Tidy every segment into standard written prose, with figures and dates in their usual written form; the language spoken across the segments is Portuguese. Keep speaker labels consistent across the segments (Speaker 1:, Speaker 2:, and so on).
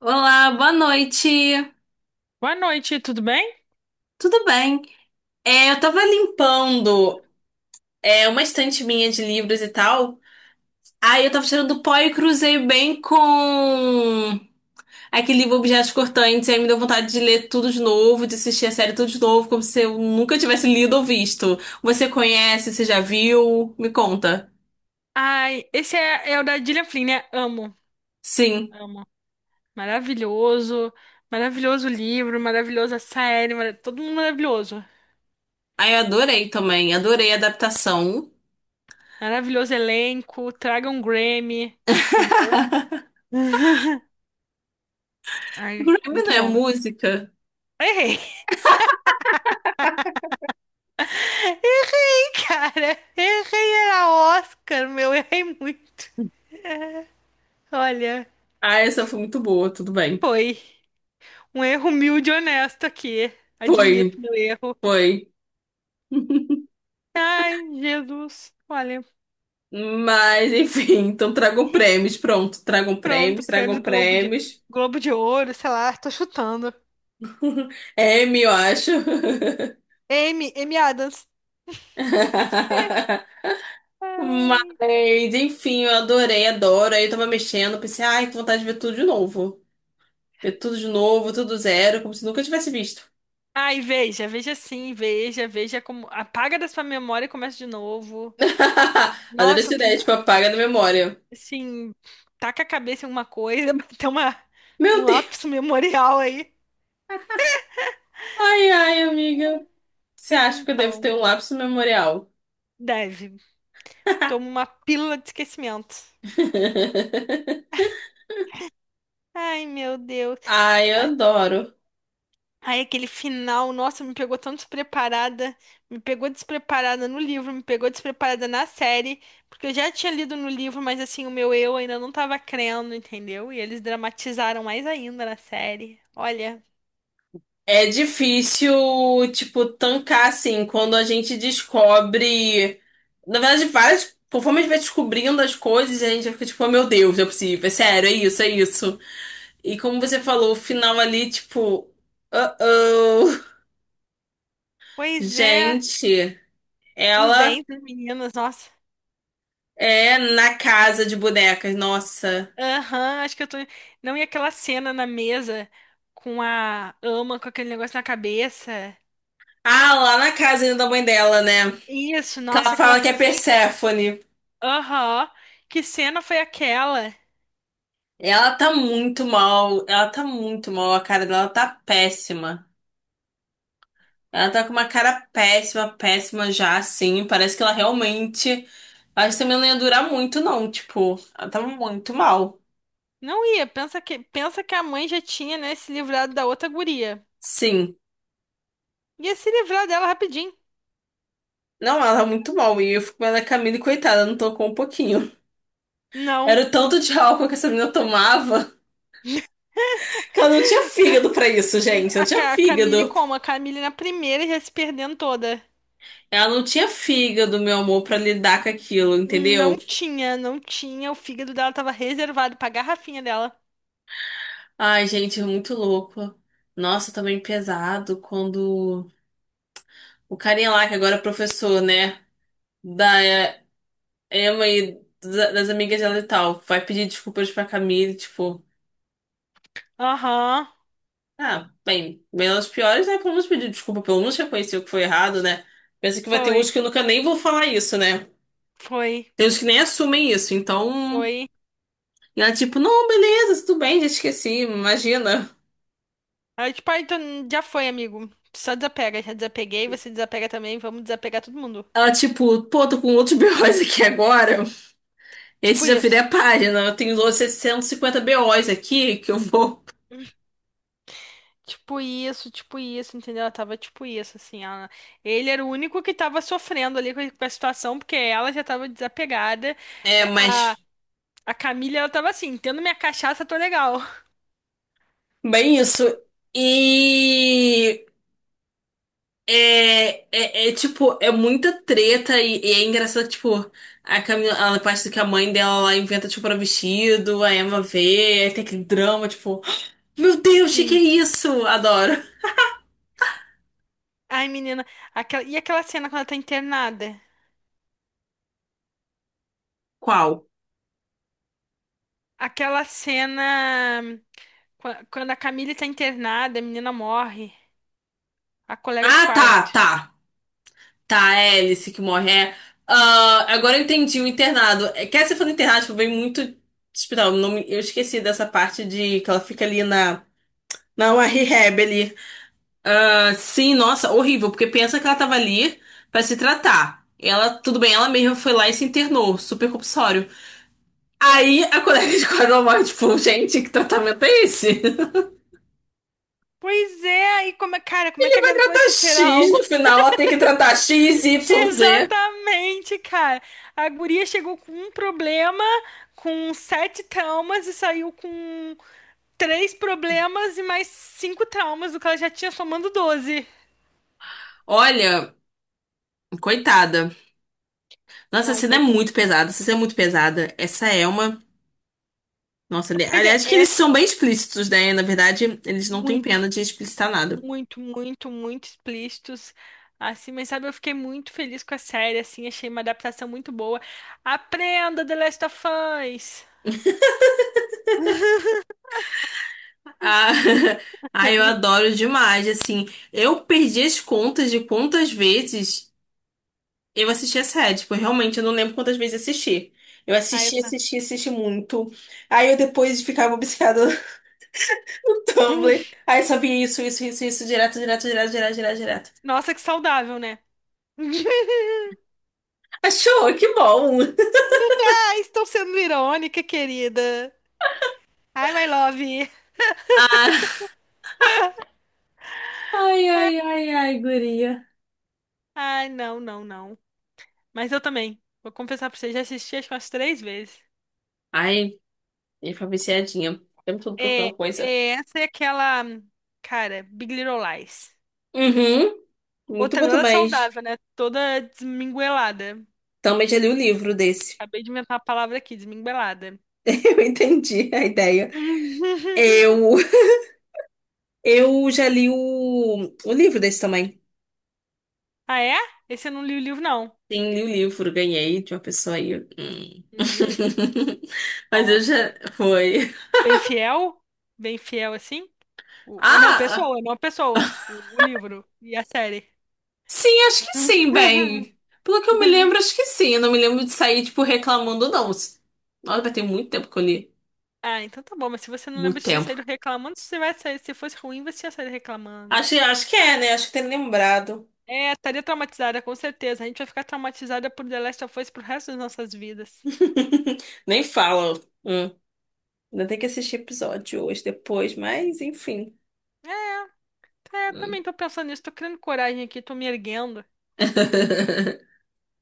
Speaker 1: Olá, boa noite.
Speaker 2: Boa noite, tudo bem?
Speaker 1: Tudo bem? É, eu tava limpando uma estante minha de livros e tal. Aí eu tava tirando pó e cruzei bem com aquele livro Objetos Cortantes. Aí me deu vontade de ler tudo de novo, de assistir a série tudo de novo, como se eu nunca tivesse lido ou visto. Você conhece, você já viu? Me conta.
Speaker 2: Ai, esse é o da Gillian Flynn, né? Amo,
Speaker 1: Sim.
Speaker 2: amo. Maravilhoso, maravilhoso livro, maravilhosa série, todo mundo maravilhoso.
Speaker 1: Aí eu adorei também, adorei a adaptação.
Speaker 2: Maravilhoso elenco, traga um Grammy, entendeu? Ai,
Speaker 1: Grammy não
Speaker 2: muito
Speaker 1: é
Speaker 2: bom.
Speaker 1: música?
Speaker 2: Errei! Errei, cara! Errei, era Oscar, meu, errei muito. Olha,
Speaker 1: Ah, essa foi muito boa, tudo bem.
Speaker 2: foi um erro humilde e honesto aqui.
Speaker 1: Foi,
Speaker 2: Admito meu erro.
Speaker 1: foi.
Speaker 2: Ai, Jesus, olha.
Speaker 1: Mas, enfim, então tragam prêmios. Pronto, tragam prêmios,
Speaker 2: Pronto, prêmios
Speaker 1: tragam
Speaker 2: Globo de
Speaker 1: prêmios.
Speaker 2: Globo de Ouro, sei lá, tô chutando.
Speaker 1: M, eu acho.
Speaker 2: Amy Adams.
Speaker 1: Mas, enfim, eu adorei, adoro. Aí eu tava mexendo, pensei, ai, que vontade de ver tudo de novo. Ver tudo de novo, tudo zero, como se nunca tivesse visto.
Speaker 2: Ai, veja, veja sim, veja, veja como apaga da sua memória e começa de novo.
Speaker 1: Adorei
Speaker 2: Nossa,
Speaker 1: essa ideia, tipo, apaga da memória.
Speaker 2: assim, taca a cabeça em uma coisa, tem uma um
Speaker 1: Meu Deus.
Speaker 2: lápis memorial aí.
Speaker 1: Ai, ai, amiga. Você
Speaker 2: Pois
Speaker 1: acha que eu devo
Speaker 2: então,
Speaker 1: ter um lapso memorial?
Speaker 2: deve. Toma uma pílula de esquecimento. Ai, meu Deus.
Speaker 1: Ai, eu adoro.
Speaker 2: Aí aquele final, nossa, me pegou tão despreparada, me pegou despreparada no livro, me pegou despreparada na série, porque eu já tinha lido no livro, mas assim, o meu eu ainda não tava crendo, entendeu? E eles dramatizaram mais ainda na série. Olha,
Speaker 1: É difícil, tipo, tancar assim, quando a gente descobre. Na verdade, várias. Conforme a gente vai descobrindo as coisas, a gente fica tipo, oh, meu Deus, não é possível, é sério, é isso, é isso. E como você falou, o final ali, tipo, uh-oh.
Speaker 2: pois é,
Speaker 1: Gente,
Speaker 2: os
Speaker 1: ela
Speaker 2: dentes das meninas, nossa.
Speaker 1: é na casa de bonecas, nossa.
Speaker 2: Aham, acho que eu tô. Não, e aquela cena na mesa com a ama com aquele negócio na cabeça.
Speaker 1: Ah, lá na casa ainda da mãe dela, né?
Speaker 2: Isso,
Speaker 1: Que ela
Speaker 2: nossa, aquela
Speaker 1: fala que é
Speaker 2: cena.
Speaker 1: Perséfone.
Speaker 2: Aham, que cena foi aquela?
Speaker 1: Ela tá muito mal, ela tá muito mal, a cara dela tá péssima. Ela tá com uma cara péssima, péssima já, assim. Parece que ela realmente. Acho que também não ia durar muito, não. Tipo, ela tava muito mal.
Speaker 2: Não ia, pensa que a mãe já tinha, né, se livrado da outra guria.
Speaker 1: Sim.
Speaker 2: Ia se livrar dela rapidinho.
Speaker 1: Não, ela tá muito mal. E eu fico vendo a Camille, coitada, não tocou um pouquinho.
Speaker 2: Não,
Speaker 1: Era o tanto de álcool que essa menina tomava que ela não tinha fígado pra isso, gente. Não tinha
Speaker 2: A Camille
Speaker 1: fígado.
Speaker 2: como? A Camille na primeira já se perdendo toda.
Speaker 1: Ela não tinha fígado, meu amor, pra lidar com aquilo,
Speaker 2: Não
Speaker 1: entendeu?
Speaker 2: tinha, não tinha. O fígado dela tava reservado pra garrafinha dela.
Speaker 1: Ai, gente, é muito louco. Nossa, também pesado quando o carinha lá, que agora é professor, né? Da Emma e das amigas dela e tal. Vai pedir desculpas pra Camille, tipo,
Speaker 2: Aham,
Speaker 1: ah, bem, menos piores, né? Pelo menos pedir desculpa, pelo menos reconhecer o que foi errado, né? Pensa que vai ter
Speaker 2: foi,
Speaker 1: uns que nunca nem vão falar isso, né?
Speaker 2: foi,
Speaker 1: Tem uns que nem assumem isso, então.
Speaker 2: foi.
Speaker 1: E ela, tipo, não, beleza, tudo bem, já esqueci, imagina.
Speaker 2: Aí, tipo, ah, então já foi, amigo. Só desapega, já desapeguei, você desapega também, vamos desapegar todo mundo.
Speaker 1: Ela, tipo, pô, tô com outros BOs aqui agora. Esse
Speaker 2: Tipo
Speaker 1: já virei
Speaker 2: isso.
Speaker 1: a página. Eu tenho outros 750 BOs aqui que eu vou.
Speaker 2: Tipo isso, tipo isso, entendeu? Ela tava tipo isso, assim, ela... Ele era o único que tava sofrendo ali com a situação, porque ela já tava desapegada.
Speaker 1: É,
Speaker 2: É, A,
Speaker 1: mas.
Speaker 2: a Camila, ela tava assim, tendo minha cachaça, tô legal.
Speaker 1: Bem, isso. E. É, é, é, tipo, é muita treta e é engraçado, tipo, a Camila, a parte do que a mãe dela lá inventa, tipo, para vestido, a Emma vê, aí tem aquele drama, tipo, meu Deus, que é
Speaker 2: Sim.
Speaker 1: isso? Adoro.
Speaker 2: Ai, menina, e aquela cena quando ela tá internada?
Speaker 1: Qual?
Speaker 2: Aquela cena quando a Camila tá internada, a menina morre, a colega de
Speaker 1: Ah, tá,
Speaker 2: quarto.
Speaker 1: tá. Tá, é a Alice que morre. É. Ah, agora eu entendi o internado. É, quer dizer, falando internado, tipo, vem muito hospital. Eu não me- eu esqueci dessa parte de que ela fica ali na uma rehab ali. Ah, sim, nossa, horrível, porque pensa que ela tava ali pra se tratar. Ela, tudo bem, ela mesma foi lá e se internou, super compulsório. Aí a colega de quadro ela morre, tipo, gente, que tratamento é esse?
Speaker 2: Pois é, aí como é, cara, como é que a garota vai
Speaker 1: Tá
Speaker 2: superar
Speaker 1: X,
Speaker 2: algo?
Speaker 1: no final ela tem que tratar X, Y, Z.
Speaker 2: Exatamente, cara. A guria chegou com um problema, com sete traumas e saiu com três problemas e mais cinco traumas, o que ela já tinha somando 12.
Speaker 1: Olha, coitada. Nossa, essa
Speaker 2: Não,
Speaker 1: cena é
Speaker 2: coitada.
Speaker 1: muito pesada, essa cena é muito pesada. Essa é uma. Nossa,
Speaker 2: Pois é,
Speaker 1: aliás, que eles
Speaker 2: essa é
Speaker 1: são bem explícitos, né? Na verdade, eles não têm
Speaker 2: muito,
Speaker 1: pena de explicitar nada.
Speaker 2: muito, muito, muito explícitos. Assim, mas sabe, eu fiquei muito feliz com a série, assim, achei uma adaptação muito boa. Aprenda, The Last of Us.
Speaker 1: Ah, ai, eu adoro demais, assim. Eu perdi as contas de quantas vezes eu assisti a série. Tipo, realmente eu não lembro quantas vezes assisti. Eu
Speaker 2: Aí
Speaker 1: assisti,
Speaker 2: tá.
Speaker 1: assisti, assisti muito. Aí eu depois ficava obcecada no
Speaker 2: Hum,
Speaker 1: Tumblr. Aí só via isso, isso, isso, isso, direto, direto, direto, direto, direto, direto.
Speaker 2: Nossa, que saudável, né?
Speaker 1: Achou? Que bom!
Speaker 2: Ah, estou sendo irônica, querida. Ai, my love.
Speaker 1: Ah, ai, ai, ai, ai, guria.
Speaker 2: Ai, não, não, não. Mas eu também. Vou confessar pra você, já assisti acho que umas três vezes.
Speaker 1: Ai, eu fui viciadinha. O tempo todo
Speaker 2: É,
Speaker 1: procurando coisa.
Speaker 2: é, essa é aquela, cara, Big Little Lies.
Speaker 1: Uhum, muito
Speaker 2: Outra
Speaker 1: bom
Speaker 2: nada
Speaker 1: também.
Speaker 2: saudável, né? Toda desminguelada.
Speaker 1: Também já li o livro desse.
Speaker 2: Acabei de inventar a palavra aqui, desminguelada.
Speaker 1: Eu entendi a ideia. Eu, eu já li o livro desse também.
Speaker 2: Ah, é? Esse eu não li o livro, não.
Speaker 1: Sim, li o livro, ganhei de uma pessoa aí. Hum.
Speaker 2: Hum,
Speaker 1: Mas eu já.
Speaker 2: nossa.
Speaker 1: Foi.
Speaker 2: Bem fiel? Bem fiel assim? O, não,
Speaker 1: Ah,
Speaker 2: pessoa, não pessoa. O livro e a série.
Speaker 1: sim, acho que sim, bem. Pelo que eu me lembro, acho que sim. Eu não me lembro de sair, tipo, reclamando, não. Nossa, vai ter muito tempo que eu li.
Speaker 2: Ah, então tá bom, mas se você não lembra
Speaker 1: Muito
Speaker 2: de ter
Speaker 1: tempo.
Speaker 2: saído reclamando, você vai sair. Se fosse ruim, você ia sair reclamando.
Speaker 1: Acho, acho que é, né? Acho que tem lembrado.
Speaker 2: É, estaria traumatizada, com certeza. A gente vai ficar traumatizada por The Last of Us pro resto das nossas vidas.
Speaker 1: Nem fala. Hum. Ainda tem que assistir episódio hoje, depois, mas enfim.
Speaker 2: É, eu
Speaker 1: Hum.
Speaker 2: também tô pensando nisso, tô criando coragem aqui, tô me erguendo.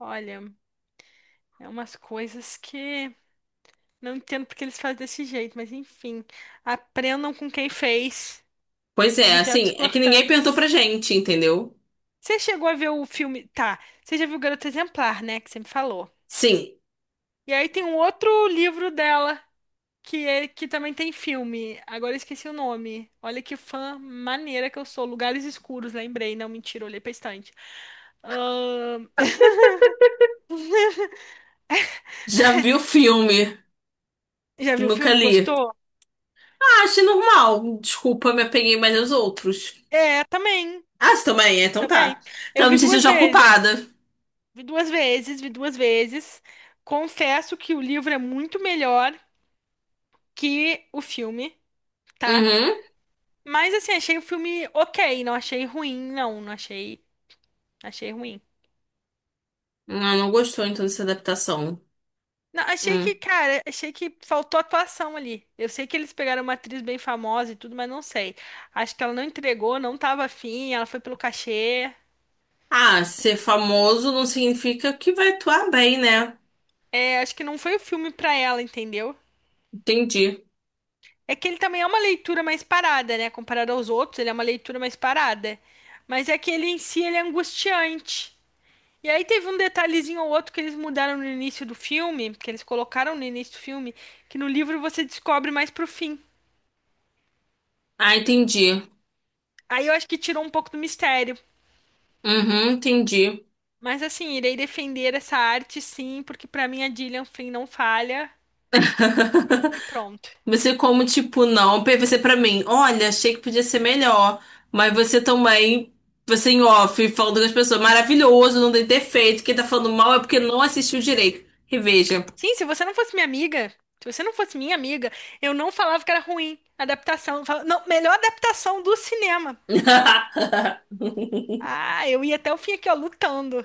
Speaker 2: Olha, é umas coisas que não entendo porque eles fazem desse jeito, mas enfim. Aprendam com quem fez
Speaker 1: Pois é,
Speaker 2: objetos
Speaker 1: assim, é que ninguém perguntou pra
Speaker 2: cortantes.
Speaker 1: gente, entendeu?
Speaker 2: Você chegou a ver o filme? Tá, você já viu Garota Exemplar, né? Que você me falou.
Speaker 1: Sim,
Speaker 2: E aí tem um outro livro dela. Que também tem filme. Agora eu esqueci o nome. Olha que fã maneira que eu sou. Lugares Escuros, lembrei. Não, mentira, olhei pra estante. Ahn,
Speaker 1: já vi o filme,
Speaker 2: Já viu o
Speaker 1: nunca
Speaker 2: filme?
Speaker 1: li.
Speaker 2: Gostou?
Speaker 1: Ah, achei normal. Desculpa, me apeguei mais aos outros.
Speaker 2: É, também.
Speaker 1: Ah, você também? É, então
Speaker 2: Também.
Speaker 1: tá.
Speaker 2: Eu
Speaker 1: Então
Speaker 2: vi
Speaker 1: me senti
Speaker 2: duas
Speaker 1: já
Speaker 2: vezes.
Speaker 1: culpada.
Speaker 2: Vi duas vezes, vi duas vezes. Confesso que o livro é muito melhor que o filme, tá?
Speaker 1: Uhum.
Speaker 2: Mas assim, achei o filme ok. Não achei ruim, não. Não achei. Achei ruim.
Speaker 1: Ah, não gostou então dessa adaptação.
Speaker 2: Não, achei que,
Speaker 1: Hum.
Speaker 2: cara, achei que faltou atuação ali. Eu sei que eles pegaram uma atriz bem famosa e tudo, mas não sei. Acho que ela não entregou, não tava afim, ela foi pelo cachê.
Speaker 1: Ah, ser famoso não significa que vai atuar bem, né?
Speaker 2: É, acho que não foi o filme pra ela, entendeu?
Speaker 1: Entendi.
Speaker 2: É que ele também é uma leitura mais parada, né? Comparado aos outros, ele é uma leitura mais parada. Mas é que ele em si, ele é angustiante. E aí teve um detalhezinho ou outro que eles mudaram no início do filme, que eles colocaram no início do filme, que no livro você descobre mais pro fim.
Speaker 1: Ah, entendi.
Speaker 2: Aí eu acho que tirou um pouco do mistério.
Speaker 1: Uhum, entendi.
Speaker 2: Mas assim, irei defender essa arte sim, porque pra mim a Gillian Flynn não falha e, e pronto.
Speaker 1: Você como, tipo, não, pra você pra mim, olha, achei que podia ser melhor, mas você também, você em off, falando com as pessoas, maravilhoso, não tem defeito, quem tá falando mal é porque não assistiu direito. Reveja.
Speaker 2: Sim, se você não fosse minha amiga, se você não fosse minha amiga, eu não falava que era ruim a adaptação. Eu falava, não, melhor adaptação do cinema. Ah, eu ia até o fim aqui, ó, lutando.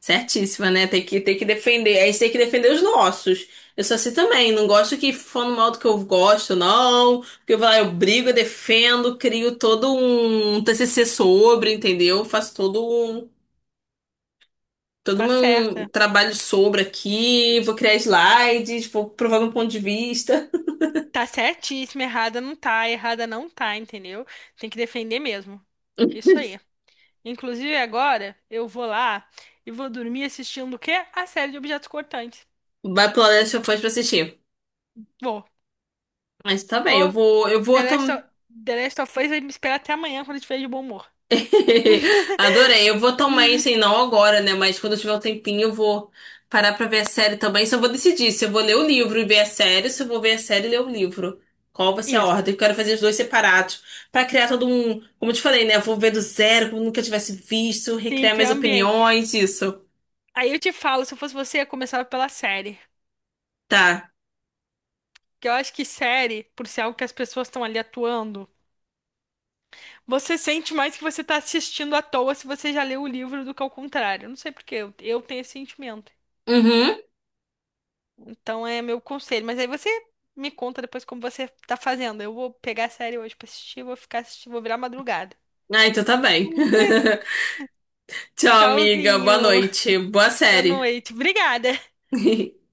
Speaker 1: Certíssima, né? Tem que defender, a gente tem que defender os nossos. Eu sou assim também, não gosto que falando mal do que eu gosto, não, porque eu vou lá, eu brigo, eu defendo, crio todo um TCC sobre, entendeu? Faço todo um todo
Speaker 2: Tá
Speaker 1: meu
Speaker 2: certa.
Speaker 1: trabalho sobre aqui, vou criar slides, vou provar meu ponto de vista.
Speaker 2: Tá certíssima, errada não tá, entendeu? Tem que defender mesmo. Isso aí. Inclusive agora eu vou lá e vou dormir assistindo o quê? A série de objetos cortantes.
Speaker 1: Vai pro Last of Us pra assistir.
Speaker 2: Vou.
Speaker 1: Mas tá bem, eu
Speaker 2: Vou
Speaker 1: vou, eu
Speaker 2: The
Speaker 1: vou
Speaker 2: Last of,
Speaker 1: tam...
Speaker 2: The Last of Us vai me esperar até amanhã quando eu estiver de bom humor.
Speaker 1: Adorei, eu vou tomar isso aí, não agora, né? Mas quando eu tiver um tempinho, eu vou parar pra ver a série também. Só vou decidir se eu vou ler o livro e ver a série, ou se eu vou ver a série e ler o livro. Qual vai ser a
Speaker 2: Isso.
Speaker 1: ordem? Eu quero fazer os dois separados pra criar todo um, como eu te falei, né? Eu vou ver do zero, como eu nunca tivesse visto,
Speaker 2: Sim,
Speaker 1: recriar minhas
Speaker 2: criar ambiente.
Speaker 1: opiniões, isso.
Speaker 2: Aí eu te falo, se eu fosse você, eu começava pela série.
Speaker 1: Tá.
Speaker 2: Porque eu acho que série, por ser algo que as pessoas estão ali atuando, você sente mais que você tá assistindo à toa se você já leu o livro do que ao contrário. Não sei por quê, eu tenho esse sentimento.
Speaker 1: Uhum.
Speaker 2: Então é meu conselho. Mas aí você me conta depois como você tá fazendo. Eu vou pegar a série hoje pra assistir, vou ficar assistindo, vou virar madrugada.
Speaker 1: Ah, então tá bem. Tchau, amiga. Boa
Speaker 2: Tchauzinho.
Speaker 1: noite. Boa
Speaker 2: Boa
Speaker 1: série.
Speaker 2: noite. Obrigada.